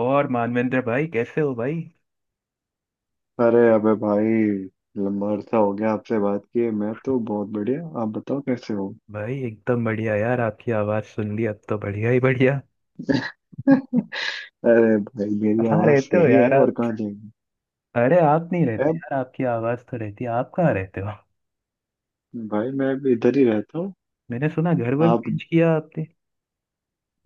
और मानवेंद्र भाई कैसे हो भाई। अरे अबे भाई लंबा अरसा हो गया आपसे बात किए। मैं तो बहुत बढ़िया। आप बताओ कैसे हो। भाई एकदम बढ़िया यार, आपकी आवाज सुन ली, अब तो बढ़िया ही बढ़िया। अरे भाई मेरी कहाँ आवाज रहते हो यही है यार और आप? कहाँ जाएंगे। अरे आप नहीं रहते अब यार, आपकी आवाज तो रहती है। आप कहाँ रहते हो? भाई मैं भी इधर ही रहता हूँ। मैंने सुना घर वर आप? चेंज किया आपने।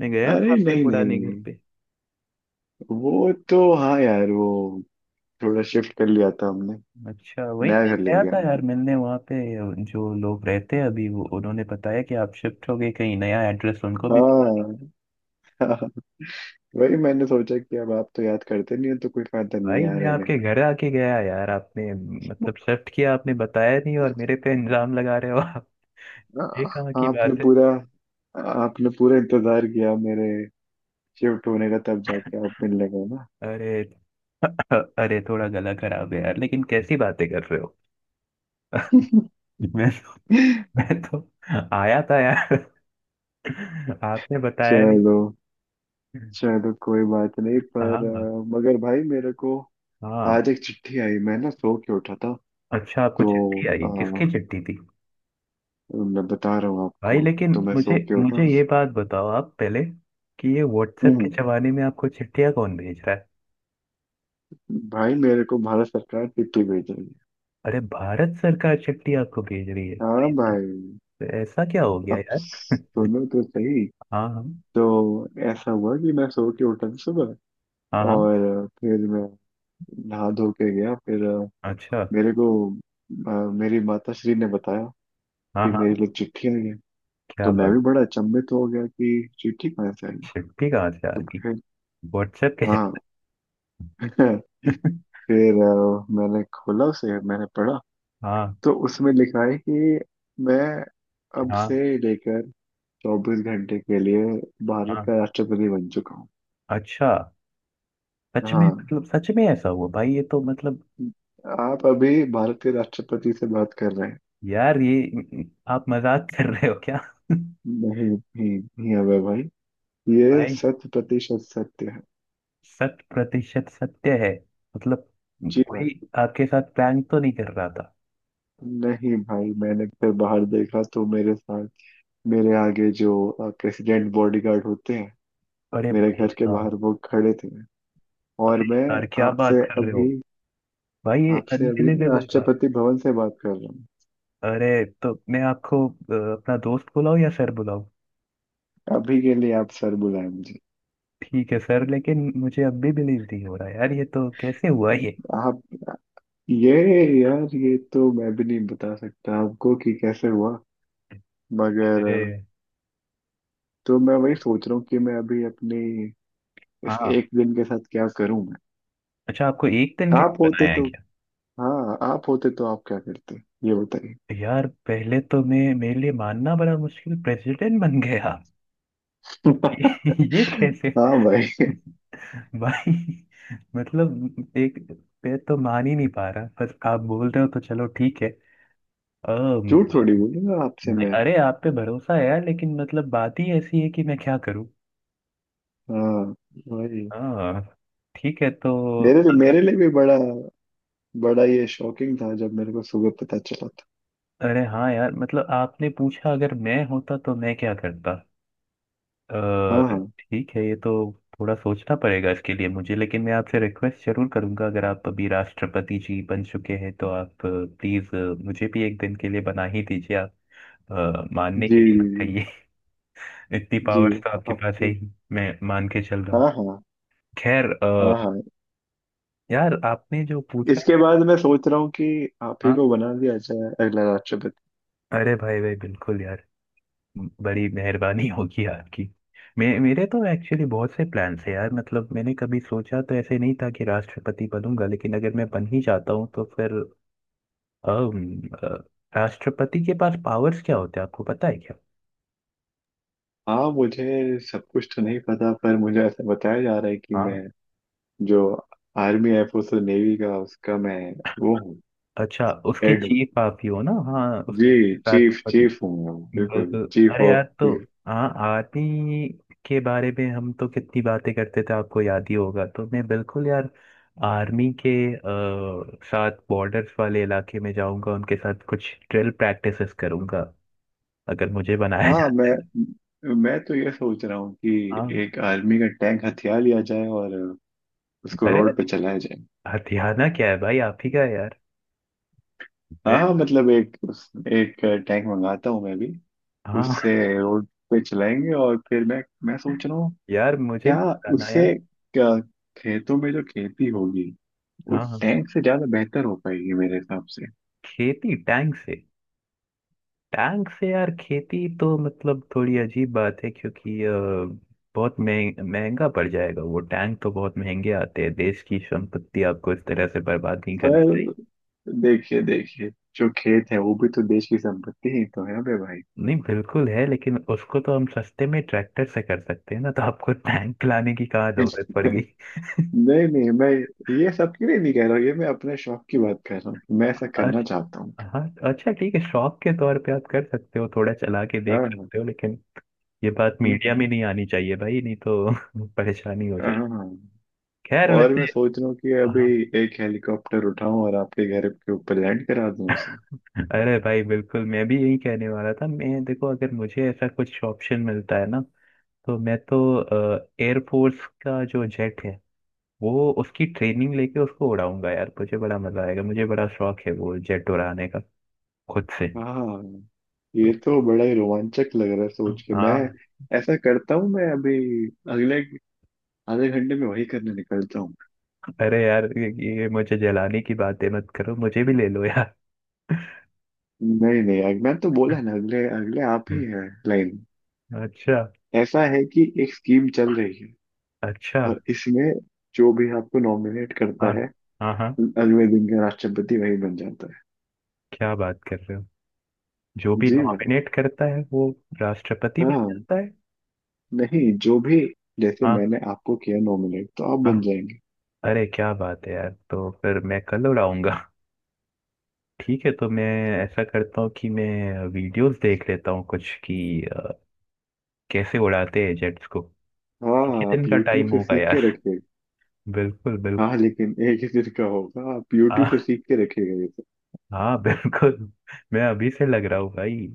मैं गया था अरे आपके नहीं पुराने नहीं घर पे। वो तो हाँ यार वो थोड़ा शिफ्ट कर लिया था हमने। अच्छा, वही नया घर ले गया लिया था यार हमने। मिलने, वहाँ पे जो लोग रहते हैं अभी, वो उन्होंने बताया कि आप शिफ्ट हो गए, कहीं नया एड्रेस उनको भी पता नहीं। हाँ। वही मैंने सोचा कि अब आप तो याद करते नहीं हो तो कोई फायदा नहीं है भाई यहाँ मैं रहने आपके घर आके गया यार, आपने मतलब शिफ्ट किया, आपने बताया नहीं और मेरे पे इल्जाम लगा रहे हो आप। का। ये कहाँ की आपने बात है? पूरा आपने पूरा इंतजार किया मेरे शिफ्ट होने का तब जाके आप मिलने गए ना। अरे अरे, थोड़ा गला खराब है यार, लेकिन कैसी बातें कर रहे हो। मैं तो, मैं तो आया था यार, आपने बताया नहीं। चलो चलो कोई बात नहीं पर हाँ, मगर भाई मेरे को हाँ। आज एक चिट्ठी आई। मैं ना सो के उठा था। अच्छा, आपको चिट्ठी तो आई? अ, किसकी चिट्ठी थी? मैं बता रहा हूँ आपको। भाई लेकिन तो मैं मुझे सो के मुझे उठा। ये बात बताओ आप पहले, कि ये व्हाट्सएप के हम्म। जमाने में आपको चिट्ठियां कौन भेज रहा है? भाई मेरे को भारत सरकार चिट्ठी भेज रही है। अरे भारत सरकार चिट्ठी आपको भेज रही है हाँ भाई साहब, भाई। तो ऐसा क्या हो गया अब यार? सुनो तो सही। हाँ, हाँ। तो ऐसा हुआ कि मैं सो के उठा था सुबह हाँ, हाँ। और फिर मैं नहा धो के गया। फिर अच्छा। मेरे को अ, मेरी माता श्री ने बताया हाँ, कि हाँ। मेरे लिए चिट्ठी आई है। क्या तो मैं बात! भी बड़ा अचंभित हो गया कि चिट्ठी कहाँ से आई है। चिट्ठी कहाँ से आ तो गई? फिर। व्हाट्सएप के हाँ। जरिए? फिर मैंने खोला उसे। मैंने पढ़ा हाँ, तो उसमें लिखा है कि मैं अब से हाँ, लेकर 24 घंटे के लिए भारत हाँ। का राष्ट्रपति बन चुका हूँ। अच्छा, सच में? हाँ। मतलब सच में ऐसा हुआ भाई? ये तो मतलब, आप अभी भारत के राष्ट्रपति से बात कर रहे हैं। यार ये, आप मजाक कर रहे हो क्या? नहीं नहीं नहीं अबे भाई ये भाई, 100% सत्य है। शत प्रतिशत सत्य है? मतलब जी भाई। कोई आपके साथ प्रैंक तो नहीं कर रहा था? नहीं भाई मैंने फिर बाहर देखा तो मेरे साथ मेरे आगे जो प्रेसिडेंट बॉडीगार्ड होते हैं अरे मेरे भाई घर के बाहर साहब। वो खड़े थे। और अरे मैं यार क्या आपसे बात कर रहे अभी हो? भाई, ये आपसे अभी ना अनबिलीवेबल बात। राष्ट्रपति भवन से बात कर रहा हूँ। अरे तो मैं आपको अपना दोस्त बुलाऊं या सर बुलाऊं? अभी के लिए आप सर बुलाए मुझे। ठीक है सर, लेकिन मुझे अब भी बिलीव नहीं हो रहा यार, ये तो कैसे हुआ ये? आप ये यार ये तो मैं भी नहीं बता सकता आपको कि कैसे हुआ। मगर। अरे तो मैं वही सोच रहा हूँ कि मैं अभी अपनी इस हाँ। एक दिन के साथ क्या करूँ मैं। अच्छा, आपको एक दिन के आप लिए होते बनाया है तो क्या? हाँ। आप होते तो आप क्या करते, ये बताइए। यार पहले तो, मैं, मेरे लिए मानना बड़ा मुश्किल, प्रेसिडेंट बन गया। ये ये कैसे? हाँ भाई। भाई, मतलब एक पे तो मान ही नहीं पा रहा, पर आप बोल रहे हो तो चलो ठीक है। अम, झूठ थोड़ी बोलूंगा आपसे नहीं, मैं। अरे आप पे भरोसा है यार, लेकिन मतलब बात ही ऐसी है कि मैं क्या करूं। हाँ भाई। हाँ। ठीक है तो, मेरे लिए मेरे अगर- लिए भी बड़ा बड़ा ये शॉकिंग था जब मेरे को सुबह पता चला था। अरे हाँ यार, मतलब आपने पूछा अगर मैं होता तो मैं क्या करता। हाँ अ, हाँ। ठीक है, ये तो थोड़ा सोचना पड़ेगा इसके लिए मुझे, लेकिन मैं आपसे रिक्वेस्ट जरूर करूंगा, अगर आप अभी राष्ट्रपति जी बन चुके हैं तो आप प्लीज मुझे भी एक दिन के लिए बना ही दीजिए आप। मानने के जी लिए जी चाहिए। इतनी जी। पावर्स तो आपके पास है आपको। ही, मैं मान के चल रहा हाँ हूँ। हाँ। खैर, हाँ हाँ। यार आपने जो पूछा। इसके बाद मैं सोच रहा हूँ कि आप ही हाँ। को बना दिया जाए अगला राष्ट्रपति। अरे भाई भाई बिल्कुल यार, बड़ी मेहरबानी होगी आपकी। मेरे तो एक्चुअली बहुत से प्लान्स हैं यार, मतलब मैंने कभी सोचा तो ऐसे नहीं था कि राष्ट्रपति बनूंगा, लेकिन अगर मैं बन ही जाता हूँ तो फिर अम, अ, राष्ट्रपति के पास पावर्स क्या होते हैं, आपको पता है क्या? हाँ मुझे सब कुछ तो नहीं पता पर मुझे ऐसा बताया जा रहा है कि हाँ। मैं जो आर्मी एयरफोर्स और नेवी का उसका मैं वो हूँ। अच्छा, उसके हेड। चीफ आप ही हो ना? हाँ, उसके जी चीफ चीफ राष्ट्रपति। चीफ हूँ मैं बिल्कुल बिल्कुल। चीफ अरे यार ऑफ तो, चीफ। हाँ, आर्मी के बारे में हम तो कितनी बातें करते थे, आपको याद ही होगा, तो मैं बिल्कुल यार आर्मी के साथ बॉर्डर्स वाले इलाके में जाऊंगा, उनके साथ कुछ ड्रिल प्रैक्टिसेस करूंगा, अगर मुझे बनाया हाँ जाता है तो। मैं तो ये सोच रहा हूँ कि हाँ। एक आर्मी का टैंक हथियार लिया जाए और उसको अरे रोड पे चलाया जाए। हथियाना क्या है भाई, आप ही का है यार। हाँ मैं। हाँ मतलब एक टैंक मंगाता हूँ मैं भी। हाँ उससे रोड पे चलाएंगे। और फिर मैं सोच रहा हूँ यार मुझे क्या उससे बनाया। क्या खेतों में जो खेती होगी वो हाँ, हाँ। टैंक से ज्यादा बेहतर हो पाएगी मेरे हिसाब से। खेती टैंक से? टैंक से यार, खेती तो मतलब थोड़ी अजीब बात है, क्योंकि बहुत महंगा पड़ जाएगा। वो टैंक तो बहुत महंगे आते हैं, देश की संपत्ति आपको इस तरह से बर्बाद नहीं करनी पर चाहिए। देखिए देखिए जो खेत है वो भी तो देश की संपत्ति ही तो है बे भाई। नहीं बिल्कुल है, लेकिन उसको तो हम सस्ते में ट्रैक्टर से कर सकते हैं ना, तो आपको टैंक लाने की कहाँ जरूरत पड़ गई? नहीं नहीं मैं ये सबके लिए नहीं कह रहा हूँ। ये मैं अपने शौक की बात कर रहा हूँ। मैं ऐसा करना अच्छा। चाहता हूँ। हाँ। अच्छा ठीक है, शौक के तौर पे आप कर सकते हो, थोड़ा चला के हाँ देख हाँ। सकते हो, लेकिन ये बात मीडिया हम्म, में नहीं आनी चाहिए भाई, नहीं तो परेशानी हो हाँ जाएगी। हाँ। हाँ। खैर और वैसे। मैं सोच रहा हूँ कि अभी हाँ। एक हेलीकॉप्टर उठाऊं और आपके घर के ऊपर लैंड करा दूं उसे। अरे भाई बिल्कुल, मैं भी यही कहने वाला था। मैं देखो, अगर मुझे ऐसा कुछ ऑप्शन मिलता है ना, तो मैं तो एयरफोर्स का जो जेट है, वो उसकी ट्रेनिंग लेके उसको उड़ाऊंगा यार, मुझे बड़ा मजा आएगा, मुझे बड़ा शौक है वो जेट उड़ाने का, खुद से। हाँ ये तो तो बड़ा ही रोमांचक लग रहा है सोच के। मैं हाँ। ऐसा करता हूँ मैं अभी अगले आधे घंटे में वही करने निकलता हूँ। अरे यार ये मुझे जलाने की बातें मत करो, मुझे भी ले लो यार। नहीं नहीं मैं तो बोला ना अगले अगले आप ही है। लाइन। अच्छा। ऐसा है कि एक स्कीम चल रही है अच्छा। और इसमें जो भी आपको नॉमिनेट हाँ, करता है हाँ, हाँ, अगले दिन का राष्ट्रपति वही बन जाता है। क्या बात कर रहे हो? जो भी जी भाई। नॉमिनेट करता है वो राष्ट्रपति बन हाँ। जाता है? नहीं जो भी जैसे हाँ, मैंने आपको किया नॉमिनेट तो आप हाँ। बन जाएंगे। अरे क्या बात है यार, तो फिर मैं कल उड़ाऊंगा। ठीक है, तो मैं ऐसा करता हूँ कि मैं वीडियोस देख लेता हूँ कुछ, कि कैसे उड़ाते हैं जेट्स को। हाँ कितने दिन आप का यूट्यूब टाइम से होगा सीख यार? के रखिएगा। बिल्कुल बिल्कुल। हाँ लेकिन एक ही दिन का होगा। आप यूट्यूब से हाँ, सीख के रखिएगा ये सब। हाँ। बिल्कुल। मैं अभी से लग रहा हूँ भाई।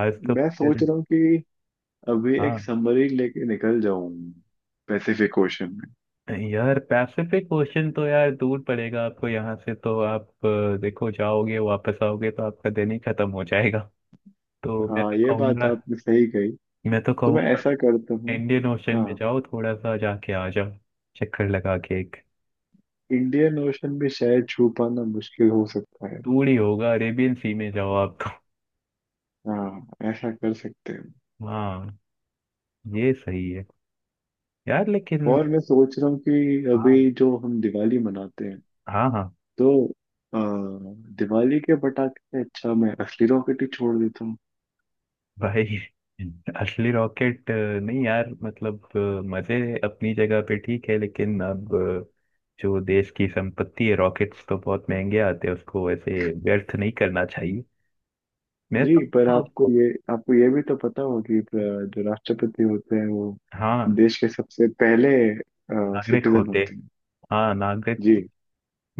आज तो मैं सोच रहा हूँ कि अभी हाँ एक समरी लेके निकल जाऊं। Pacific Ocean. यार, पैसिफिक ओशन तो यार दूर पड़ेगा आपको यहाँ से, तो आप देखो, जाओगे, वापस आओगे तो आपका दिन ही खत्म हो जाएगा। तो मैं हाँ तो ये बात कहूंगा आपने सही कही। मैं तो तो मैं कहूंगा ऐसा करता हूँ। इंडियन ओशन में हाँ जाओ, थोड़ा सा जाके आ जाओ, चक्कर लगा के एक। इंडियन ओशन भी शायद छू पाना मुश्किल हो सकता है। दूर ही होगा, अरेबियन सी में जाओ आप तो। हाँ ऐसा कर सकते हैं। हाँ। ये सही है। यार लेकिन, और मैं सोच रहा हूँ कि हाँ, अभी जो हम दिवाली मनाते हैं हाँ, हाँ, तो आ, दिवाली के पटाखे से अच्छा मैं असली रॉकेट ही छोड़ देता हूँ। भाई असली रॉकेट नहीं यार, मतलब मजे अपनी जगह पे ठीक है, लेकिन अब जो देश की संपत्ति है, रॉकेट्स तो बहुत महंगे आते हैं, उसको ऐसे व्यर्थ नहीं करना चाहिए। मैं जी तो। पर आपको ये भी तो पता होगा कि जो राष्ट्रपति होते हैं वो हाँ, देश के सबसे पहले नागरिक सिटीजन होते। होते हैं। हाँ नागरिक। जी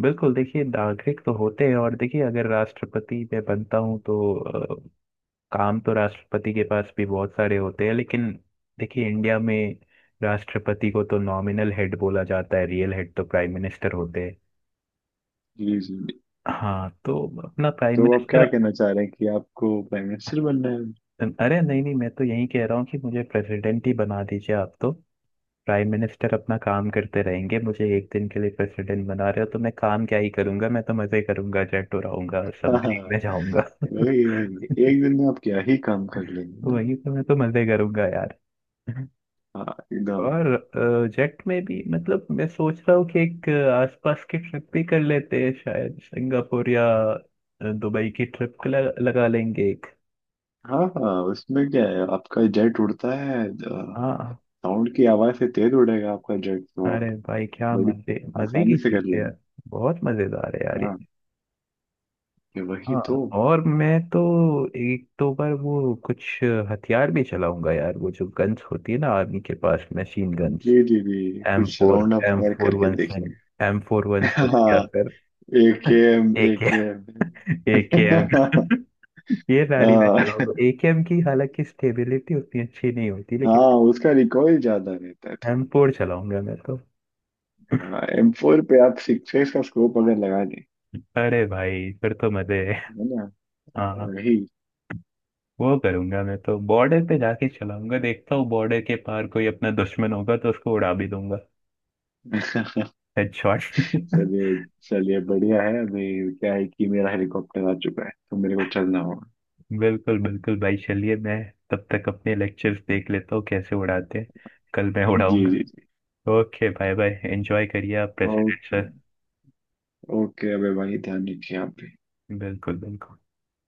बिल्कुल, देखिए नागरिक तो होते हैं, और देखिए अगर राष्ट्रपति मैं बनता हूँ तो काम तो राष्ट्रपति के पास भी बहुत सारे होते हैं, लेकिन देखिए इंडिया में राष्ट्रपति को तो नॉमिनल हेड बोला जाता है, रियल हेड तो प्राइम मिनिस्टर होते हैं। जी जी। हाँ तो अपना प्राइम तो आप मिनिस्टर। क्या कहना चाह रहे हैं कि आपको प्राइम मिनिस्टर बनना है। अरे नहीं नहीं, मैं तो यही कह रहा हूँ कि मुझे प्रेसिडेंट ही बना दीजिए आप, तो प्राइम मिनिस्टर अपना काम करते रहेंगे, मुझे एक दिन के लिए प्रेसिडेंट बना रहे हो तो मैं काम क्या ही करूंगा, मैं तो मजे करूंगा, जेट उड़ाऊंगा, हाँ सबमरीन में जाऊंगा। वही वही एक दिन में आप क्या ही काम कर लेंगे ना। वही तो, मैं तो मजे करूंगा यार। हाँ एकदम। और जेट में भी मतलब मैं सोच रहा हूँ कि एक आसपास की ट्रिप भी कर लेते हैं, शायद सिंगापुर या अ, दुबई की ट्रिप लगा लेंगे एक। हाँ हाँ उसमें क्या है आपका जेट उड़ता है। हाँ। साउंड की आवाज से तेज उड़ेगा आपका जेट तो आप अरे भाई क्या बड़ी मजे मजे की आसानी से कर चीज है लेंगे। यार। बहुत मजेदार है यार ये। हाँ ये वही हाँ। तो। और मैं तो एक दो बार वो कुछ हथियार भी चलाऊंगा यार, वो जो गन्स होती है ना, आर्मी के पास मशीन गन्स, जी जी जी एम कुछ four round up M fire four करके वन सेवन देखेंगे। एम फोर वन सिक्स या हाँ फिर एक एम एक एक AKM। एम। ये गाड़ी मैं हाँ, चलाऊंगा AKM की, हालांकि स्टेबिलिटी उतनी अच्छी नहीं होती, लेकिन हाँ, उसका रिकॉइल ज्यादा रहता है। एमपोर चलाऊंगा मैं तो। हाँ M4 पे आप सिक्सेस का स्कोप अगर लगा दें अरे भाई फिर तो मजे है। है ना। हाँ। वही। वो करूंगा मैं, तो बॉर्डर पे जाके चलाऊंगा, देखता हूँ बॉर्डर के पार कोई अपना दुश्मन होगा तो उसको उड़ा भी दूंगा, हेडशॉट। चलिए चलिए बढ़िया है। अभी क्या है कि मेरा हेलीकॉप्टर आ चुका है तो मेरे को चलना होगा। बिल्कुल बिल्कुल भाई, चलिए मैं तब तक अपने लेक्चर्स देख लेता हूँ, कैसे उड़ाते हैं, कल मैं जी उड़ाऊंगा। जी जी। ओके, बाय बाय, एंजॉय करिए आप ओके। President sir. ओके अबे भाई ध्यान रखिए आप भी। बिल्कुल बिल्कुल।